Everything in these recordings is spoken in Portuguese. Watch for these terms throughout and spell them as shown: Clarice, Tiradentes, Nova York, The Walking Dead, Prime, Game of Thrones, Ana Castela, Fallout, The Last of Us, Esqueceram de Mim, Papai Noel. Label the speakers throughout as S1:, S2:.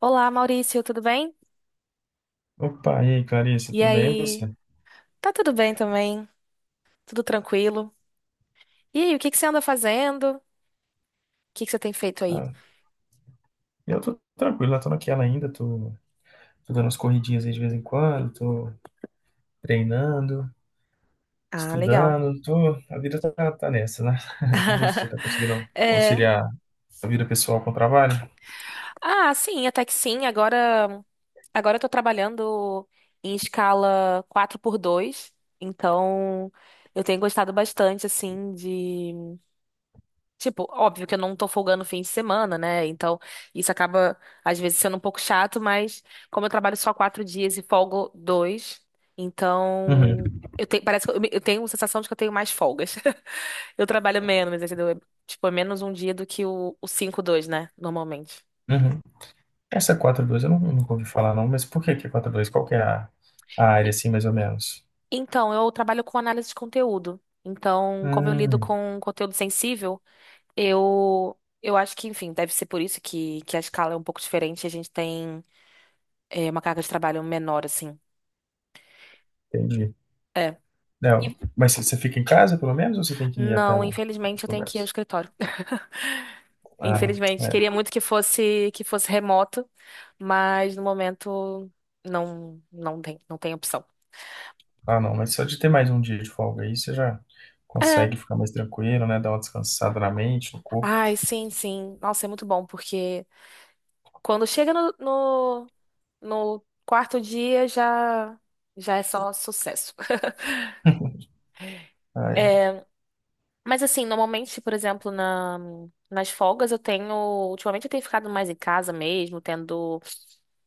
S1: Olá, Maurício, tudo bem?
S2: Opa, e aí, Clarice,
S1: E
S2: tudo bem, e
S1: aí?
S2: você?
S1: Tá tudo bem também? Tudo tranquilo? E aí, o que que você anda fazendo? O que que você tem feito aí?
S2: Eu tô tranquilo, eu tô naquela ainda, tô, tô dando umas corridinhas aí de vez em quando, tô treinando,
S1: Ah, legal.
S2: estudando, tô, a vida tá, tá nessa, né? E você, tá conseguindo
S1: É.
S2: conciliar a vida pessoal com o trabalho?
S1: Ah, sim, até que sim. Agora, eu tô trabalhando em escala 4 por 2. Então eu tenho gostado bastante, assim. Tipo, óbvio que eu não tô folgando fim de semana, né? Então, isso acaba, às vezes, sendo um pouco chato, mas como eu trabalho só 4 dias e folgo dois,
S2: Uhum,
S1: então eu tenho, parece que eu, eu tenho a sensação de que eu tenho mais folgas. Eu trabalho menos, entendeu? É, tipo, é menos um dia do que o 5-2, né? Normalmente.
S2: uhum. Essa quatro dois eu não, nunca ouvi falar não, mas por que que é 4-2? Qual que é a área,
S1: E-
S2: assim, mais ou menos?
S1: Então, eu trabalho com análise de conteúdo. Então, como eu lido
S2: Hum,
S1: com conteúdo sensível, eu acho que, enfim, deve ser por isso que a escala é um pouco diferente. A gente tem. É uma carga de trabalho menor, assim.
S2: Entendi.
S1: É. E-
S2: Não, mas você fica em casa, pelo menos, ou você tem que ir até
S1: Não,
S2: o-
S1: infelizmente
S2: os
S1: eu tenho que ir ao
S2: lugares?
S1: escritório.
S2: Ah,
S1: Infelizmente,
S2: é.
S1: queria muito que fosse remoto, mas no momento não tem opção.
S2: Ah, não, mas só de ter mais um dia de folga aí, você já
S1: É.
S2: consegue ficar mais tranquilo, né? Dar uma descansada na mente, no corpo.
S1: Ai, sim, sim. Nossa, é muito bom, porque quando chega no quarto dia já é só sucesso.
S2: Ah, é.
S1: Mas assim, normalmente, por exemplo, nas folgas eu tenho. Ultimamente eu tenho ficado mais em casa mesmo, tendo.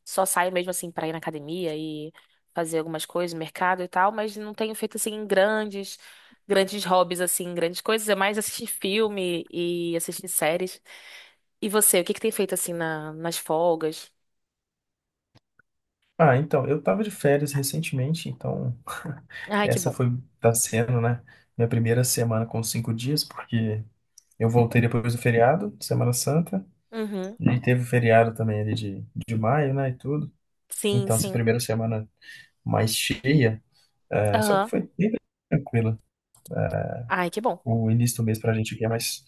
S1: Só saio mesmo assim pra ir na academia e fazer algumas coisas, mercado e tal, mas não tenho feito assim grandes, grandes hobbies, assim, grandes coisas. É mais assistir filme e assistir séries. E você, o que que tem feito assim nas folgas?
S2: Ah, então, eu tava de férias recentemente, então
S1: Ai, que
S2: essa
S1: bom.
S2: foi, tá sendo, né, minha primeira semana com cinco dias, porque eu voltei depois do feriado, Semana Santa,
S1: Uhum.
S2: e teve o feriado também ali de maio, né, e tudo.
S1: Sim,
S2: Então, essa
S1: sim.
S2: primeira semana mais cheia, é, só que
S1: Aham.
S2: foi bem tranquila.
S1: Ai, que bom.
S2: O início do mês pra gente aqui é mais,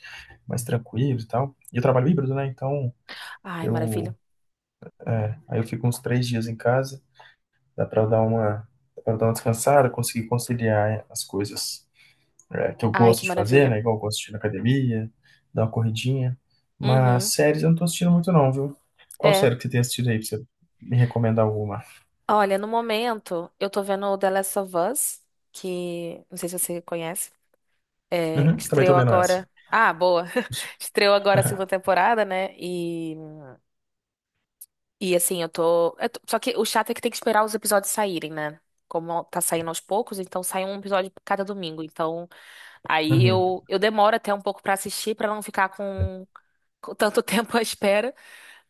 S2: mais tranquilo e tal. E eu trabalho híbrido, né, então
S1: Ai,
S2: eu,
S1: maravilha.
S2: é, aí eu fico uns três dias em casa, dá pra eu dar uma, dá pra eu dar uma descansada, conseguir conciliar as coisas, é, que eu
S1: Ai,
S2: gosto
S1: que
S2: de fazer,
S1: maravilha.
S2: né? Igual eu gosto de ir na academia, dar uma corridinha. Mas
S1: Uhum.
S2: séries eu não tô assistindo muito não, viu? Qual
S1: É.
S2: série que você tem assistido aí pra você me recomendar alguma?
S1: Olha, no momento, eu tô vendo o The Last of Us, que não sei se você conhece. É,
S2: Uhum, também tô
S1: estreou
S2: vendo essa.
S1: agora. Ah, boa. Estreou agora a segunda temporada, né? E assim, só que o chato é que tem que esperar os episódios saírem, né? Como tá saindo aos poucos, então sai um episódio cada domingo. Então, aí
S2: Uhum.
S1: eu demoro até um pouco pra assistir, pra não ficar com tanto tempo à espera.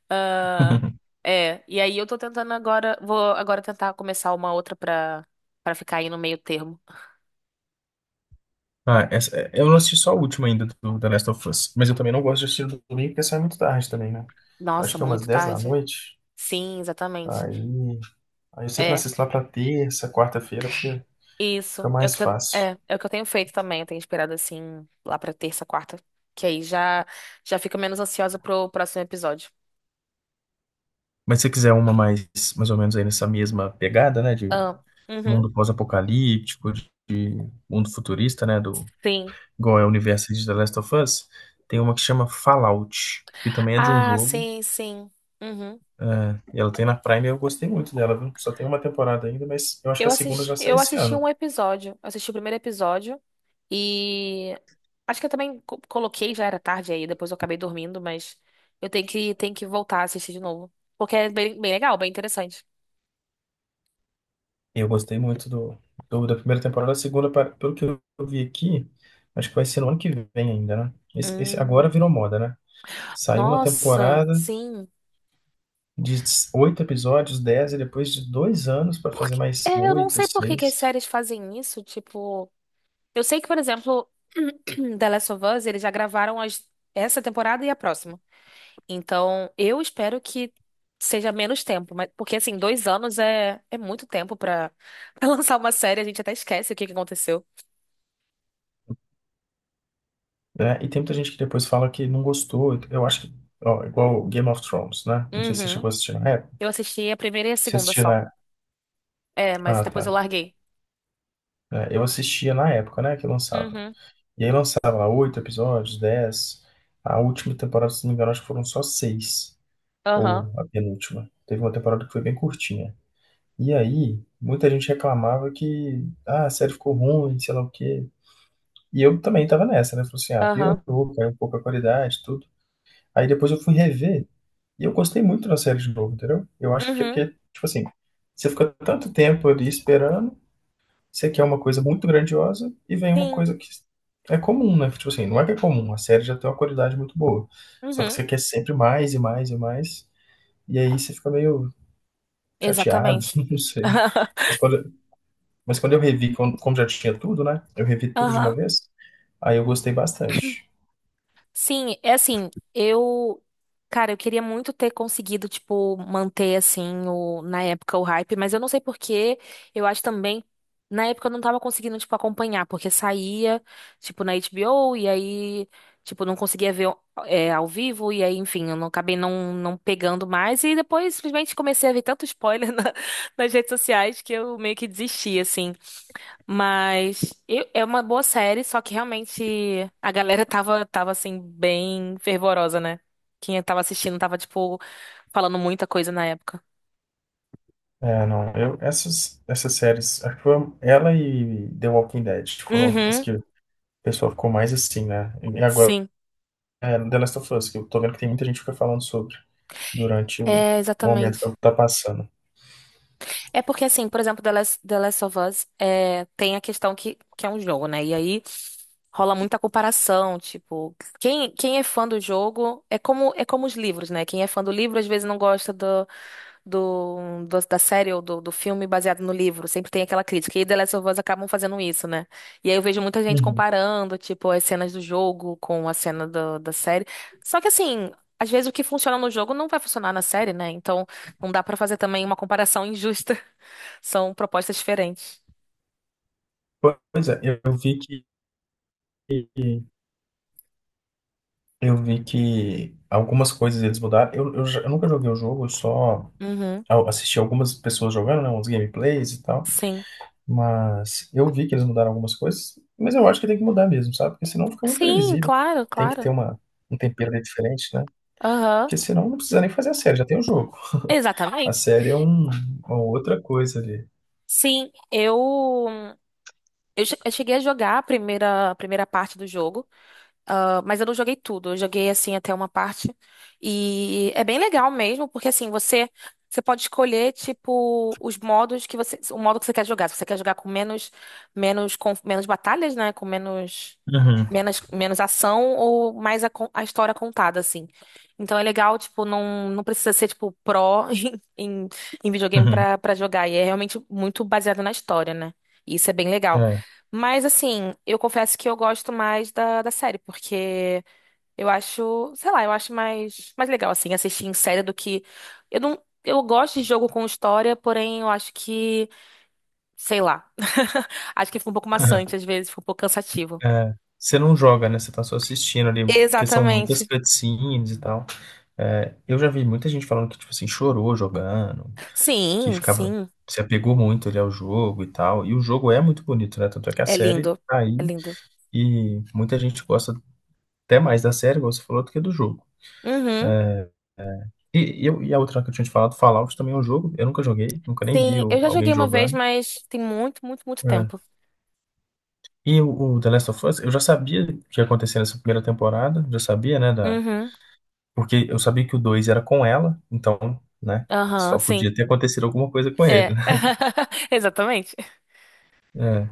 S1: Ah, é, e aí eu tô tentando agora, vou agora tentar começar uma outra pra ficar aí no meio termo.
S2: Ah, essa, é- eu não assisti só a última ainda do The Last of Us, mas eu também não gosto de assistir no domingo porque sai muito tarde também, né? Acho
S1: Nossa,
S2: que é umas
S1: muito
S2: 10 da
S1: tarde.
S2: noite.
S1: Sim, exatamente.
S2: Aí. Aí eu sempre
S1: É,
S2: assisto lá pra terça, quarta-feira, porque fica
S1: isso. É o
S2: mais
S1: que eu,
S2: fácil.
S1: é o que eu tenho feito também. Eu tenho esperado assim lá pra terça, quarta, que aí já fico menos ansiosa pro próximo episódio.
S2: Mas se você quiser uma mais, mais ou menos aí nessa mesma pegada, né? De
S1: Ah, uhum,
S2: mundo pós-apocalíptico, de mundo futurista, né? Do,
S1: sim.
S2: igual é o universo de The Last of Us, tem uma que chama Fallout, que também é de um
S1: Ah,
S2: jogo.
S1: sim, sim. Uhum.
S2: É, e ela tem na Prime e eu gostei muito dela, viu? Só tem uma temporada ainda, mas eu acho que
S1: Eu
S2: a segunda
S1: assisti,
S2: já sai
S1: eu
S2: esse
S1: assisti
S2: ano.
S1: um episódio. Eu assisti o primeiro episódio e acho que eu também coloquei, já era tarde aí, depois eu acabei dormindo, mas eu tenho que voltar a assistir de novo. Porque é bem, bem legal, bem interessante.
S2: E eu gostei muito do, do- da primeira temporada. A segunda, pa- pelo que eu vi aqui, acho que vai ser no ano que vem ainda, né? Esse
S1: Hum,
S2: agora virou moda, né? Saiu uma
S1: nossa,
S2: temporada
S1: sim.
S2: de oito episódios, dez, e depois de dois anos para fazer
S1: Porque,
S2: mais
S1: é, eu não
S2: oito,
S1: sei por que que as
S2: seis,
S1: séries fazem isso. Tipo, eu sei que, por exemplo, The Last of Us, eles já gravaram essa temporada e a próxima. Então, eu espero que seja menos tempo, mas porque assim, 2 anos é muito tempo pra pra lançar uma série, a gente até esquece o que que aconteceu.
S2: né? E tem muita gente que depois fala que não gostou. Eu acho que, ó, igual Game of Thrones, né? Não sei se você
S1: Uhum.
S2: chegou a assistir na época.
S1: Eu assisti a primeira e a
S2: Você
S1: segunda
S2: assistia
S1: só.
S2: na.
S1: É, mas
S2: Ah, tá.
S1: depois eu larguei.
S2: É, eu assistia na época, né, que lançava.
S1: Uhum.
S2: E aí lançava lá oito episódios, dez. A última temporada, se não me engano, acho que foram só seis,
S1: Aham.
S2: ou a penúltima. Teve uma temporada que foi bem curtinha. E aí, muita gente reclamava que ah, a série ficou ruim, sei lá o quê. E eu também tava nessa, né? Falei assim, ah,
S1: Aham.
S2: piorou, caiu um pouco a qualidade, tudo. Aí depois eu fui rever e eu gostei muito da série de novo, entendeu? Eu acho que é
S1: Uhum.
S2: porque, tipo assim, você fica tanto tempo ali esperando, você quer uma coisa muito grandiosa e vem uma
S1: Sim.
S2: coisa que é comum, né? Tipo assim, não é que é comum, a série já tem uma qualidade muito boa. Só que
S1: Uhum.
S2: você quer sempre mais e mais e mais, e aí você fica meio chateado,
S1: Exatamente.
S2: não sei. Mas quando, mas quando eu revi, como como já tinha tudo, né? Eu revi tudo de uma
S1: Aham.
S2: vez, aí eu gostei bastante.
S1: Sim, é assim, eu, cara, eu queria muito ter conseguido, tipo, manter assim o na época o hype, mas eu não sei por quê. Eu acho também na época eu não tava conseguindo, tipo, acompanhar, porque saía, tipo, na HBO e aí, tipo, não conseguia ver ao vivo e aí, enfim, eu não acabei não pegando mais e depois simplesmente comecei a ver tanto spoiler na- nas redes sociais que eu meio que desisti, assim. Mas é uma boa série, só que realmente a galera tava assim, bem fervorosa, né? Quem tava assistindo tava, tipo, falando muita coisa na época.
S2: É, não, eu, essas, essas séries, acho que foi ela e The Walking Dead foram as
S1: Uhum,
S2: que o pessoal ficou mais assim, né? E agora
S1: sim.
S2: é The Last of Us, que eu tô vendo que tem muita gente que fica falando sobre durante o
S1: É,
S2: momento que
S1: exatamente.
S2: ela tá passando.
S1: É porque, assim, por exemplo, The Last of Us é, tem a questão que é um jogo, né? E aí rola muita comparação, tipo, quem é fã do jogo é como os livros, né? Quem é fã do livro às vezes não gosta da série ou do filme baseado no livro. Sempre tem aquela crítica. E The Last of Us acabam fazendo isso, né? E aí eu vejo muita gente
S2: Uhum.
S1: comparando, tipo, as cenas do jogo com a cena da série. Só que assim, às vezes o que funciona no jogo não vai funcionar na série, né? Então não dá pra fazer também uma comparação injusta. São propostas diferentes.
S2: Pois é, eu vi que eu vi que algumas coisas eles mudaram. Eu, já- eu nunca joguei o jogo, eu só
S1: Uhum,
S2: a- assisti algumas pessoas jogando, né, uns gameplays e tal.
S1: sim.
S2: Mas eu vi que eles mudaram algumas coisas, mas eu acho que tem que mudar mesmo, sabe? Porque senão fica muito
S1: Sim,
S2: previsível.
S1: claro,
S2: Tem que ter
S1: claro.
S2: uma, um tempero ali diferente, né?
S1: Aham.
S2: Porque senão não precisa nem fazer a série, já tem o jogo. A
S1: Exatamente.
S2: série é um, uma outra coisa ali.
S1: Sim, eu, eu cheguei a jogar a primeira parte do jogo. Ah, mas eu não joguei tudo, eu joguei assim até uma parte. E é bem legal mesmo, porque assim, você pode escolher tipo os modos que você, o modo que você quer jogar. Se você quer jogar com menos batalhas, né, com menos
S2: Uhum,
S1: menos menos ação ou mais a história contada assim. Então é legal, tipo, não precisa ser tipo pró em, em, em videogame
S2: uhum,
S1: pra para jogar, e é realmente muito baseado na história, né? E isso é bem legal.
S2: é,
S1: Mas assim, eu confesso que eu gosto mais da série, porque eu acho, sei lá, eu acho mais, mais legal assim assistir em série do que eu não, eu gosto de jogo com história, porém eu acho que, sei lá, acho que fica um pouco
S2: uhum,
S1: maçante às vezes, fica um pouco cansativo.
S2: é. Você não joga, né? Você tá só assistindo ali, porque são muitas
S1: Exatamente.
S2: cutscenes e tal. É, eu já vi muita gente falando que, tipo assim, chorou jogando, que
S1: Sim,
S2: ficava,
S1: sim,
S2: se apegou muito ali ao jogo e tal. E o jogo é muito bonito, né? Tanto é que a
S1: é
S2: série
S1: lindo,
S2: tá
S1: é
S2: aí
S1: lindo.
S2: e muita gente gosta até mais da série, igual você falou, do que do jogo.
S1: Uhum.
S2: E eu, e a outra que eu tinha te falado, Fallout também é um jogo. Eu nunca joguei, nunca nem vi
S1: Sim, eu
S2: o-
S1: já
S2: alguém
S1: joguei uma vez,
S2: jogando.
S1: mas tem muito, muito, muito
S2: É.
S1: tempo.
S2: E o The Last of Us, eu já sabia o que ia acontecer nessa primeira temporada, já sabia, né, da...
S1: Uhum.
S2: porque eu sabia que o 2 era com ela, então, né,
S1: Aham,
S2: só
S1: sim.
S2: podia ter acontecido alguma coisa com ele,
S1: É.
S2: né?
S1: Exatamente.
S2: É.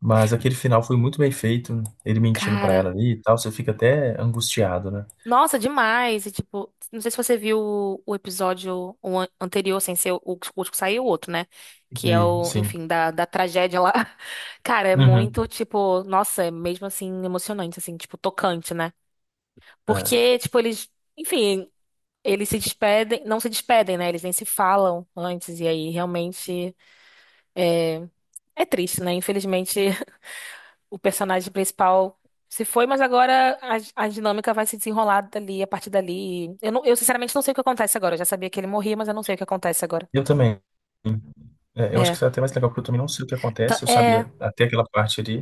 S2: Mas aquele final foi muito bem feito, ele mentindo pra
S1: Cara.
S2: ela ali e tal, você fica até angustiado, né?
S1: Nossa, demais. E, tipo, não sei se você viu o episódio o anterior, sem ser o último que saiu, o outro, né? Que é
S2: E,
S1: o,
S2: sim.
S1: enfim, da tragédia lá. Cara, é
S2: Uhum.
S1: muito, tipo, nossa, é mesmo assim emocionante, assim, tipo, tocante, né?
S2: É.
S1: Porque, tipo, eles, enfim, eles se despedem, não se despedem, né? Eles nem se falam antes, e aí realmente é triste, né? Infelizmente, o personagem principal se foi, mas agora a dinâmica vai se desenrolar dali, a partir dali. Eu, não, eu sinceramente não sei o que acontece agora. Eu já sabia que ele morria, mas eu não sei o que acontece agora.
S2: Eu também. É, eu acho que
S1: É.
S2: isso é até mais legal, porque eu também não sei o que acontece, eu
S1: É.
S2: sabia até aquela parte ali,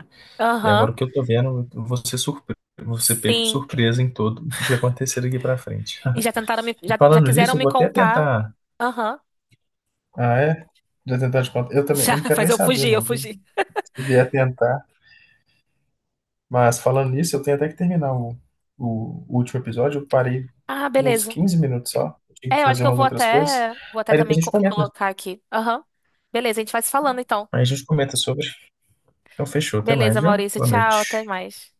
S2: e
S1: Aham.
S2: agora o que eu tô vendo, eu vou ser surpre... vou ser pego de
S1: Sim.
S2: surpresa em todo, em tudo que acontecer daqui pra frente.
S1: E já tentaram me.
S2: E
S1: Já
S2: falando
S1: quiseram
S2: nisso, eu
S1: me
S2: vou até
S1: contar.
S2: tentar.
S1: Aham.
S2: Ah, é? Já tentar te contar. Eu também,
S1: Já,
S2: eu não quero
S1: mas
S2: nem
S1: eu
S2: saber,
S1: fugi, eu
S2: não, viu?
S1: fugi.
S2: Se vier tentar. Mas falando nisso, eu tenho até que terminar o último episódio, eu parei
S1: Ah,
S2: uns
S1: beleza.
S2: 15 minutos só, eu tinha
S1: É,
S2: que
S1: eu acho
S2: fazer
S1: que eu
S2: umas
S1: vou
S2: outras coisas.
S1: até. Vou até
S2: Aí
S1: também
S2: depois a gente
S1: co-
S2: comenta.
S1: colocar aqui. Aham. Beleza, a gente vai se falando então.
S2: Aí a gente comenta sobre. Então fechou, até
S1: Beleza,
S2: mais, viu?
S1: Maurício.
S2: Boa
S1: Tchau, até
S2: noite.
S1: mais.